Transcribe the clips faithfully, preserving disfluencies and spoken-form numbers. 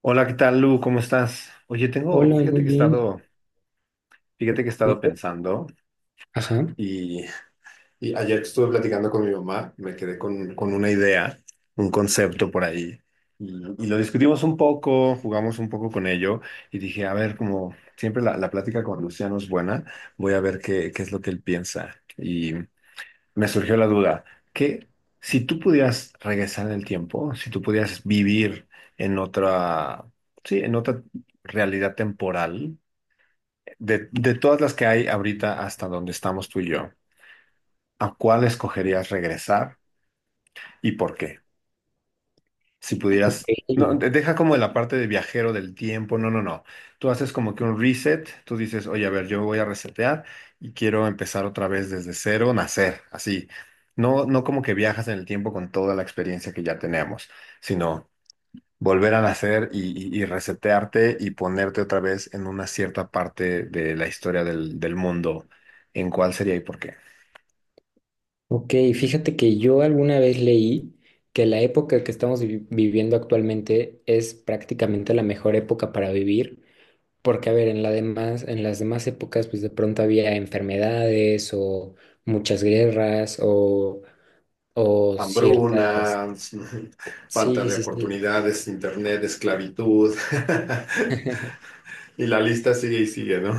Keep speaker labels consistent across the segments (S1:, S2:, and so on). S1: Hola, ¿qué tal, Lu? ¿Cómo estás? Oye, tengo,
S2: Hola,
S1: fíjate
S2: muy
S1: que he
S2: bien.
S1: estado, fíjate que he
S2: Me
S1: estado pensando
S2: Ajá,
S1: y, y ayer estuve platicando con mi mamá, me quedé con, con una idea, un concepto por ahí y, y lo discutimos un poco, jugamos un poco con ello y dije, a ver, como siempre la, la plática con Luciano es buena, voy a ver qué, qué es lo que él piensa. Me surgió la duda, que si tú pudieras regresar en el tiempo, si tú pudieras vivir en otra, sí, en otra realidad temporal, de, de todas las que hay ahorita hasta donde estamos tú y yo, ¿a cuál escogerías regresar y por qué? Si
S2: ok.
S1: pudieras, no, de- deja como la parte de viajero del tiempo, no, no, no. Tú haces como que un reset, tú dices, oye, a ver, yo voy a resetear y quiero empezar otra vez desde cero, nacer, así. No, no como que viajas en el tiempo con toda la experiencia que ya tenemos, sino volver a nacer y, y- y resetearte y ponerte otra vez en una cierta parte de la historia del, del mundo, en cuál sería y por qué.
S2: Ok, fíjate que yo alguna vez leí que la época que estamos vi- viviendo actualmente es prácticamente la mejor época para vivir, porque a ver, en la demás, en las demás épocas pues de pronto había enfermedades o muchas guerras o, o ciertas.
S1: Hambruna, falta
S2: Sí,
S1: de
S2: sí, sí.
S1: oportunidades, internet, esclavitud. Y la lista sigue y sigue, ¿no?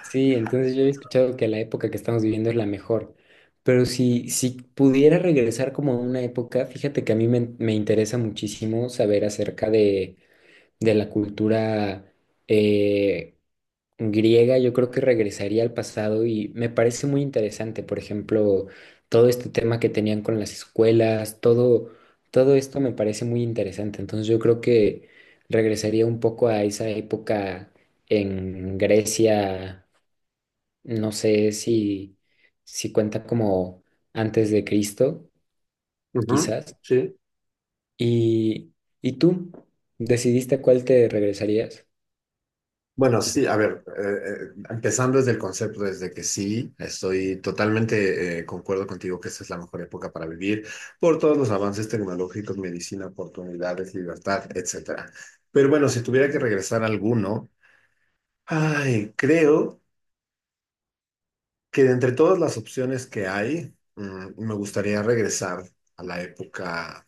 S2: Sí, entonces yo he escuchado que la época que estamos viviendo es la mejor, pero si, si pudiera regresar como a una época, fíjate que a mí me, me interesa muchísimo saber acerca de, de la cultura eh, griega. Yo creo que regresaría al pasado y me parece muy interesante, por ejemplo, todo este tema que tenían con las escuelas, todo, todo esto me parece muy interesante. Entonces yo creo que regresaría un poco a esa época en Grecia, no sé si, si cuenta como antes de Cristo,
S1: Ujú.
S2: quizás.
S1: Sí.
S2: ¿Y, y tú decidiste a cuál te regresarías?
S1: Bueno, sí, a ver, eh, eh, empezando desde el concepto, desde que sí, estoy totalmente eh, concuerdo contigo que esta es la mejor época para vivir por todos los avances tecnológicos, medicina, oportunidades, libertad, etcétera. Pero bueno, si tuviera que regresar a alguno, ay, creo que de entre todas las opciones que hay, mm, me gustaría regresar a la época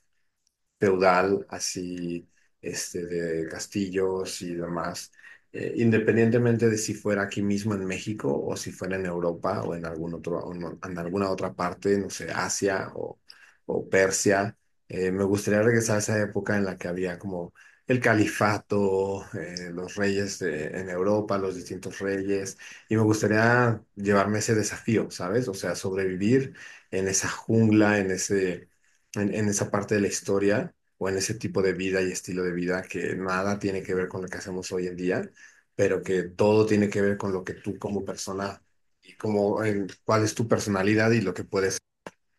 S1: feudal, así, este, de castillos y demás, eh, independientemente de si fuera aquí mismo en México o si fuera en Europa o en algún otro, o en, en alguna otra parte, no sé, Asia o, o Persia. Eh, me gustaría regresar a esa época en la que había como el califato, eh, los reyes de- en Europa, los distintos reyes, y me gustaría llevarme ese desafío, ¿sabes? O sea, sobrevivir en esa jungla, en ese, en, en esa parte de la historia o en ese tipo de vida y estilo de vida que nada tiene que ver con lo que hacemos hoy en día, pero que todo tiene que ver con lo que tú como persona y como en, cuál es tu personalidad y lo que puedes.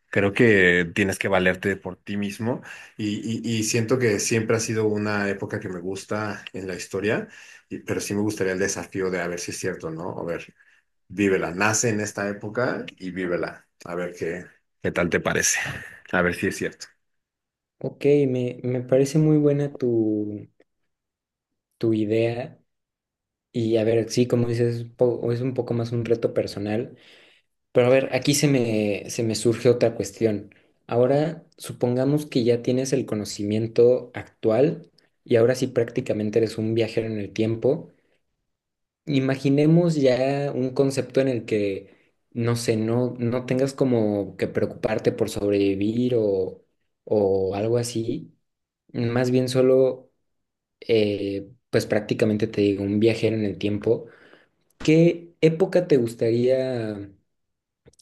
S1: Creo que tienes que valerte por ti mismo y, y, y siento que siempre ha sido una época que me gusta en la historia, y- pero sí me gustaría el desafío de a ver si es cierto, ¿no? A ver, vívela, nace en esta época y vívela, a ver qué, qué tal te parece, a ver si es cierto.
S2: Ok, me, me parece muy buena tu, tu idea. Y a ver, sí, como dices, es un po- es un poco más un reto personal. Pero a ver, aquí se me, se me surge otra cuestión. Ahora, supongamos que ya tienes el conocimiento actual y ahora sí prácticamente eres un viajero en el tiempo. Imaginemos ya un concepto en el que, no sé, no, no tengas como que preocuparte por sobrevivir o, o algo así. Más bien solo, eh, pues prácticamente te digo, un viajero en el tiempo. ¿Qué época te gustaría,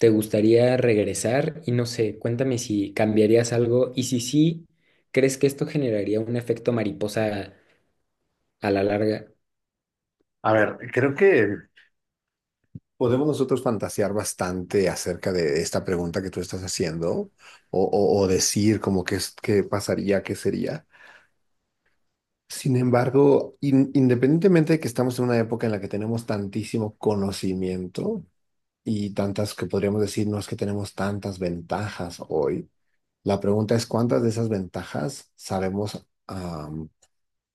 S2: te gustaría regresar? Y no sé, cuéntame si cambiarías algo y si sí, ¿crees que esto generaría un efecto mariposa a la larga?
S1: A ver, creo que podemos nosotros fantasear bastante acerca de esta pregunta que tú estás haciendo o, o- o decir como que es, qué pasaría, qué sería. Sin embargo, in- independientemente de que estamos en una época en la que tenemos tantísimo conocimiento y tantas que podríamos decir, no es que tenemos tantas ventajas hoy, la pregunta es cuántas de esas ventajas sabemos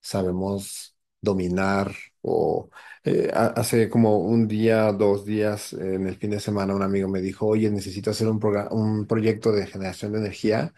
S1: sabemos dominar o, eh, ha- hace como un día, dos días, eh, en el fin de semana un amigo me dijo, oye, necesito hacer un, progra- un proyecto de generación de energía,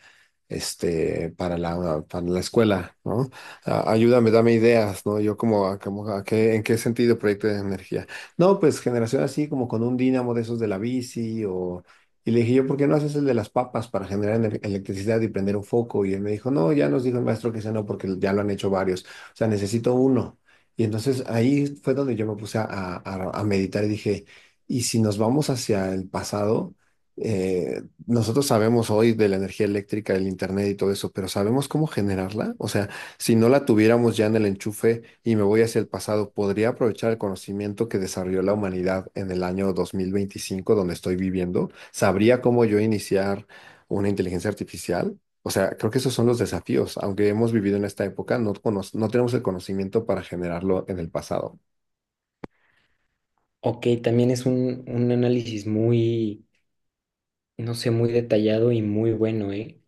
S1: este, para la, para la escuela, ¿no? A- Ayúdame, dame ideas, ¿no? Yo como, a- como a qué, ¿en qué sentido proyecto de energía? No, pues generación así como con un dínamo de esos de la bici o... Y le dije yo, ¿por qué no haces el de las papas para generar ener- electricidad y prender un foco? Y él me dijo, no, ya nos dijo el maestro que ese no, porque ya lo han hecho varios. O sea, necesito uno. Y entonces ahí fue donde yo me puse a, a- a meditar y dije, ¿y si nos vamos hacia el pasado? Eh, nosotros sabemos hoy de la energía eléctrica, el internet y todo eso, pero ¿sabemos cómo generarla? O sea, si no la tuviéramos ya en el enchufe y me voy hacia el pasado, ¿podría aprovechar el conocimiento que desarrolló la humanidad en el año dos mil veinticinco, donde estoy viviendo? ¿Sabría cómo yo iniciar una inteligencia artificial? O sea, creo que esos son los desafíos. Aunque hemos vivido en esta época, no, cono- no tenemos el conocimiento para generarlo en el pasado.
S2: Ok, también es un, un análisis muy no sé, muy detallado y muy bueno, ¿eh?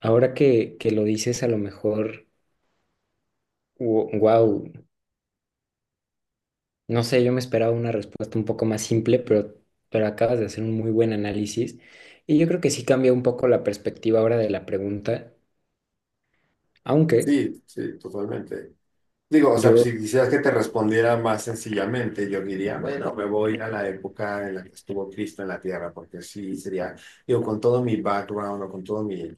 S2: Ahora que, que lo dices, a lo mejor, wow, no sé, yo me esperaba una respuesta un poco más simple, pero, pero acabas de hacer un muy buen análisis y yo creo que sí cambia un poco la perspectiva ahora de la pregunta, aunque
S1: Sí, sí, totalmente. Digo, o sea,
S2: yo,
S1: si quisieras que te respondiera más sencillamente, yo diría, bueno, me voy a la época en la que estuvo Cristo en la tierra, porque sí sería, digo, con todo mi background o con todo mi,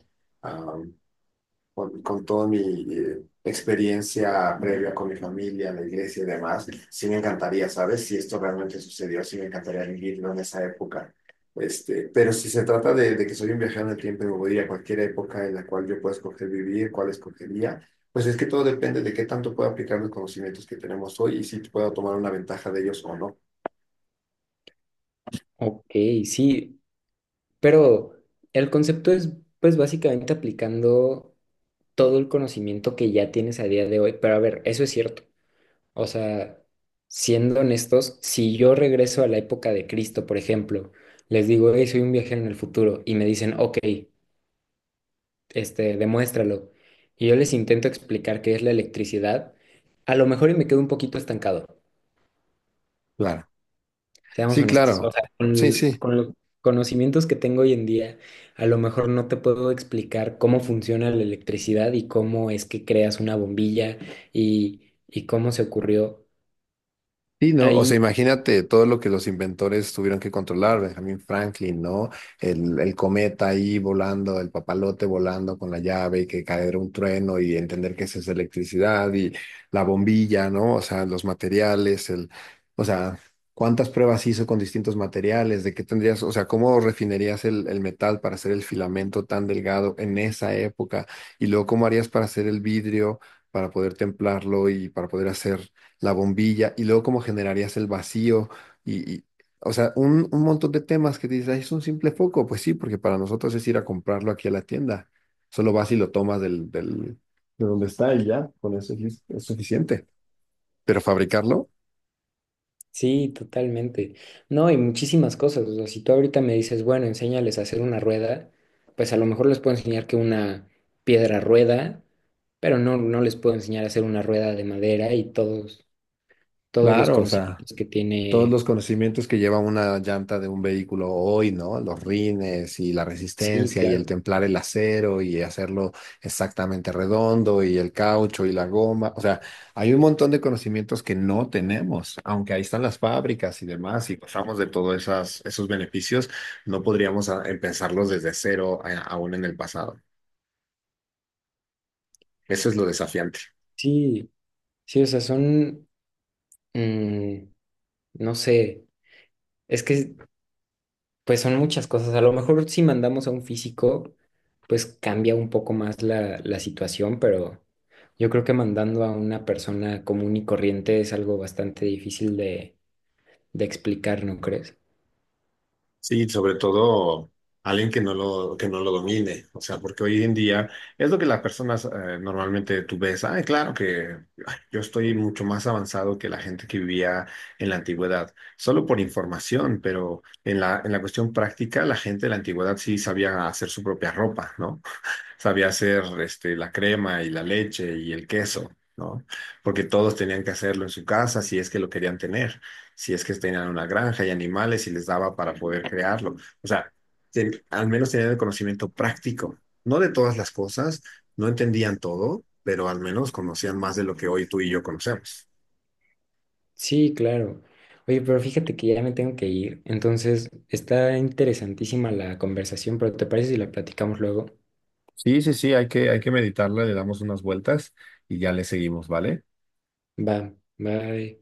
S1: con, con toda mi eh, experiencia previa con mi familia, la iglesia y demás, sí me encantaría, ¿sabes? Si esto realmente sucedió, sí me encantaría vivirlo en esa época. Este, pero si se trata de, de que soy un viajero en el tiempo y me voy a ir a cualquier época en la cual yo pueda escoger vivir, cuál escogería, pues es que todo depende de qué tanto pueda aplicar los conocimientos que tenemos hoy y si puedo tomar una ventaja de ellos o no.
S2: ok, sí, pero el concepto es pues básicamente aplicando todo el conocimiento que ya tienes a día de hoy, pero a ver, eso es cierto. O sea, siendo honestos, si yo regreso a la época de Cristo, por ejemplo, les digo, hey, soy un viajero en el futuro, y me dicen, ok, este, demuéstralo. Y yo les intento explicar qué es la electricidad, a lo mejor y me quedo un poquito estancado,
S1: Claro.
S2: seamos
S1: Sí,
S2: honestos. O
S1: claro.
S2: sea,
S1: Sí,
S2: con,
S1: sí.
S2: con los conocimientos que tengo hoy en día, a lo mejor no te puedo explicar cómo funciona la electricidad y cómo es que creas una bombilla y, y cómo se ocurrió.
S1: Sí, ¿no? O sea, imagínate todo lo que los inventores tuvieron que controlar, Benjamin Franklin, ¿no? El, el cometa ahí volando, el papalote volando con la llave, que caer un trueno y entender que esa es electricidad y la bombilla, ¿no? O sea, los materiales, el, o sea, cuántas pruebas hizo con distintos materiales, de qué tendrías, o sea, cómo refinerías el, el metal para hacer el filamento tan delgado en esa época y luego cómo harías para hacer el vidrio, para poder templarlo y para poder hacer la bombilla y luego cómo generarías el vacío y, y- o sea, un, un montón de temas que dices, "Ay, es un simple foco, pues sí, porque para nosotros es ir a comprarlo aquí a la tienda, solo vas y lo tomas del, del, de donde está y ya, con eso es, es suficiente, pero fabricarlo,
S2: Sí, totalmente. No, y muchísimas cosas. O sea, si tú ahorita me dices, bueno, enséñales a hacer una rueda, pues a lo mejor les puedo enseñar que una piedra rueda, pero no, no les puedo enseñar a hacer una rueda de madera y todos, todos los
S1: claro, o sea,
S2: conocimientos que
S1: todos
S2: tiene.
S1: los conocimientos que lleva una llanta de un vehículo hoy, ¿no? Los rines y la
S2: Sí,
S1: resistencia y el
S2: claro.
S1: templar el acero y hacerlo exactamente redondo y el caucho y la goma. O sea, hay un montón de conocimientos que no tenemos, aunque ahí están las fábricas y demás y pasamos de todos esas, esos beneficios, no podríamos ah, empezarlos desde cero, eh, aún en el pasado. Eso es lo desafiante.
S2: Sí, sí, o sea, son, mm, no sé, es que pues son muchas cosas. A lo mejor si mandamos a un físico, pues cambia un poco más la, la situación, pero yo creo que mandando a una persona común y corriente es algo bastante difícil de, de explicar, ¿no crees?
S1: Sí, sobre todo alguien que no lo, que no lo domine, o sea, porque hoy en día es lo que las personas eh, normalmente tú ves, ay, claro que ay, yo estoy mucho más avanzado que la gente que vivía en la antigüedad, solo por información, pero en la, en la cuestión práctica, la gente de la antigüedad sí sabía hacer su propia ropa, ¿no? Sabía hacer este, la crema y la leche y el queso, ¿no? Porque todos tenían que hacerlo en su casa si es que lo querían tener, si es que tenían una granja y animales y les daba para poder crearlo. O sea, ten- al menos tenían el conocimiento práctico, no de todas las cosas, no entendían todo, pero al menos conocían más de lo que hoy tú y yo conocemos.
S2: Sí, claro. Oye, pero fíjate que ya me tengo que ir. Entonces, está interesantísima la conversación, pero ¿te parece si la platicamos luego?
S1: Sí, sí, sí, hay que, hay que meditarla, le damos unas vueltas y ya le seguimos, ¿vale?
S2: Va, bye.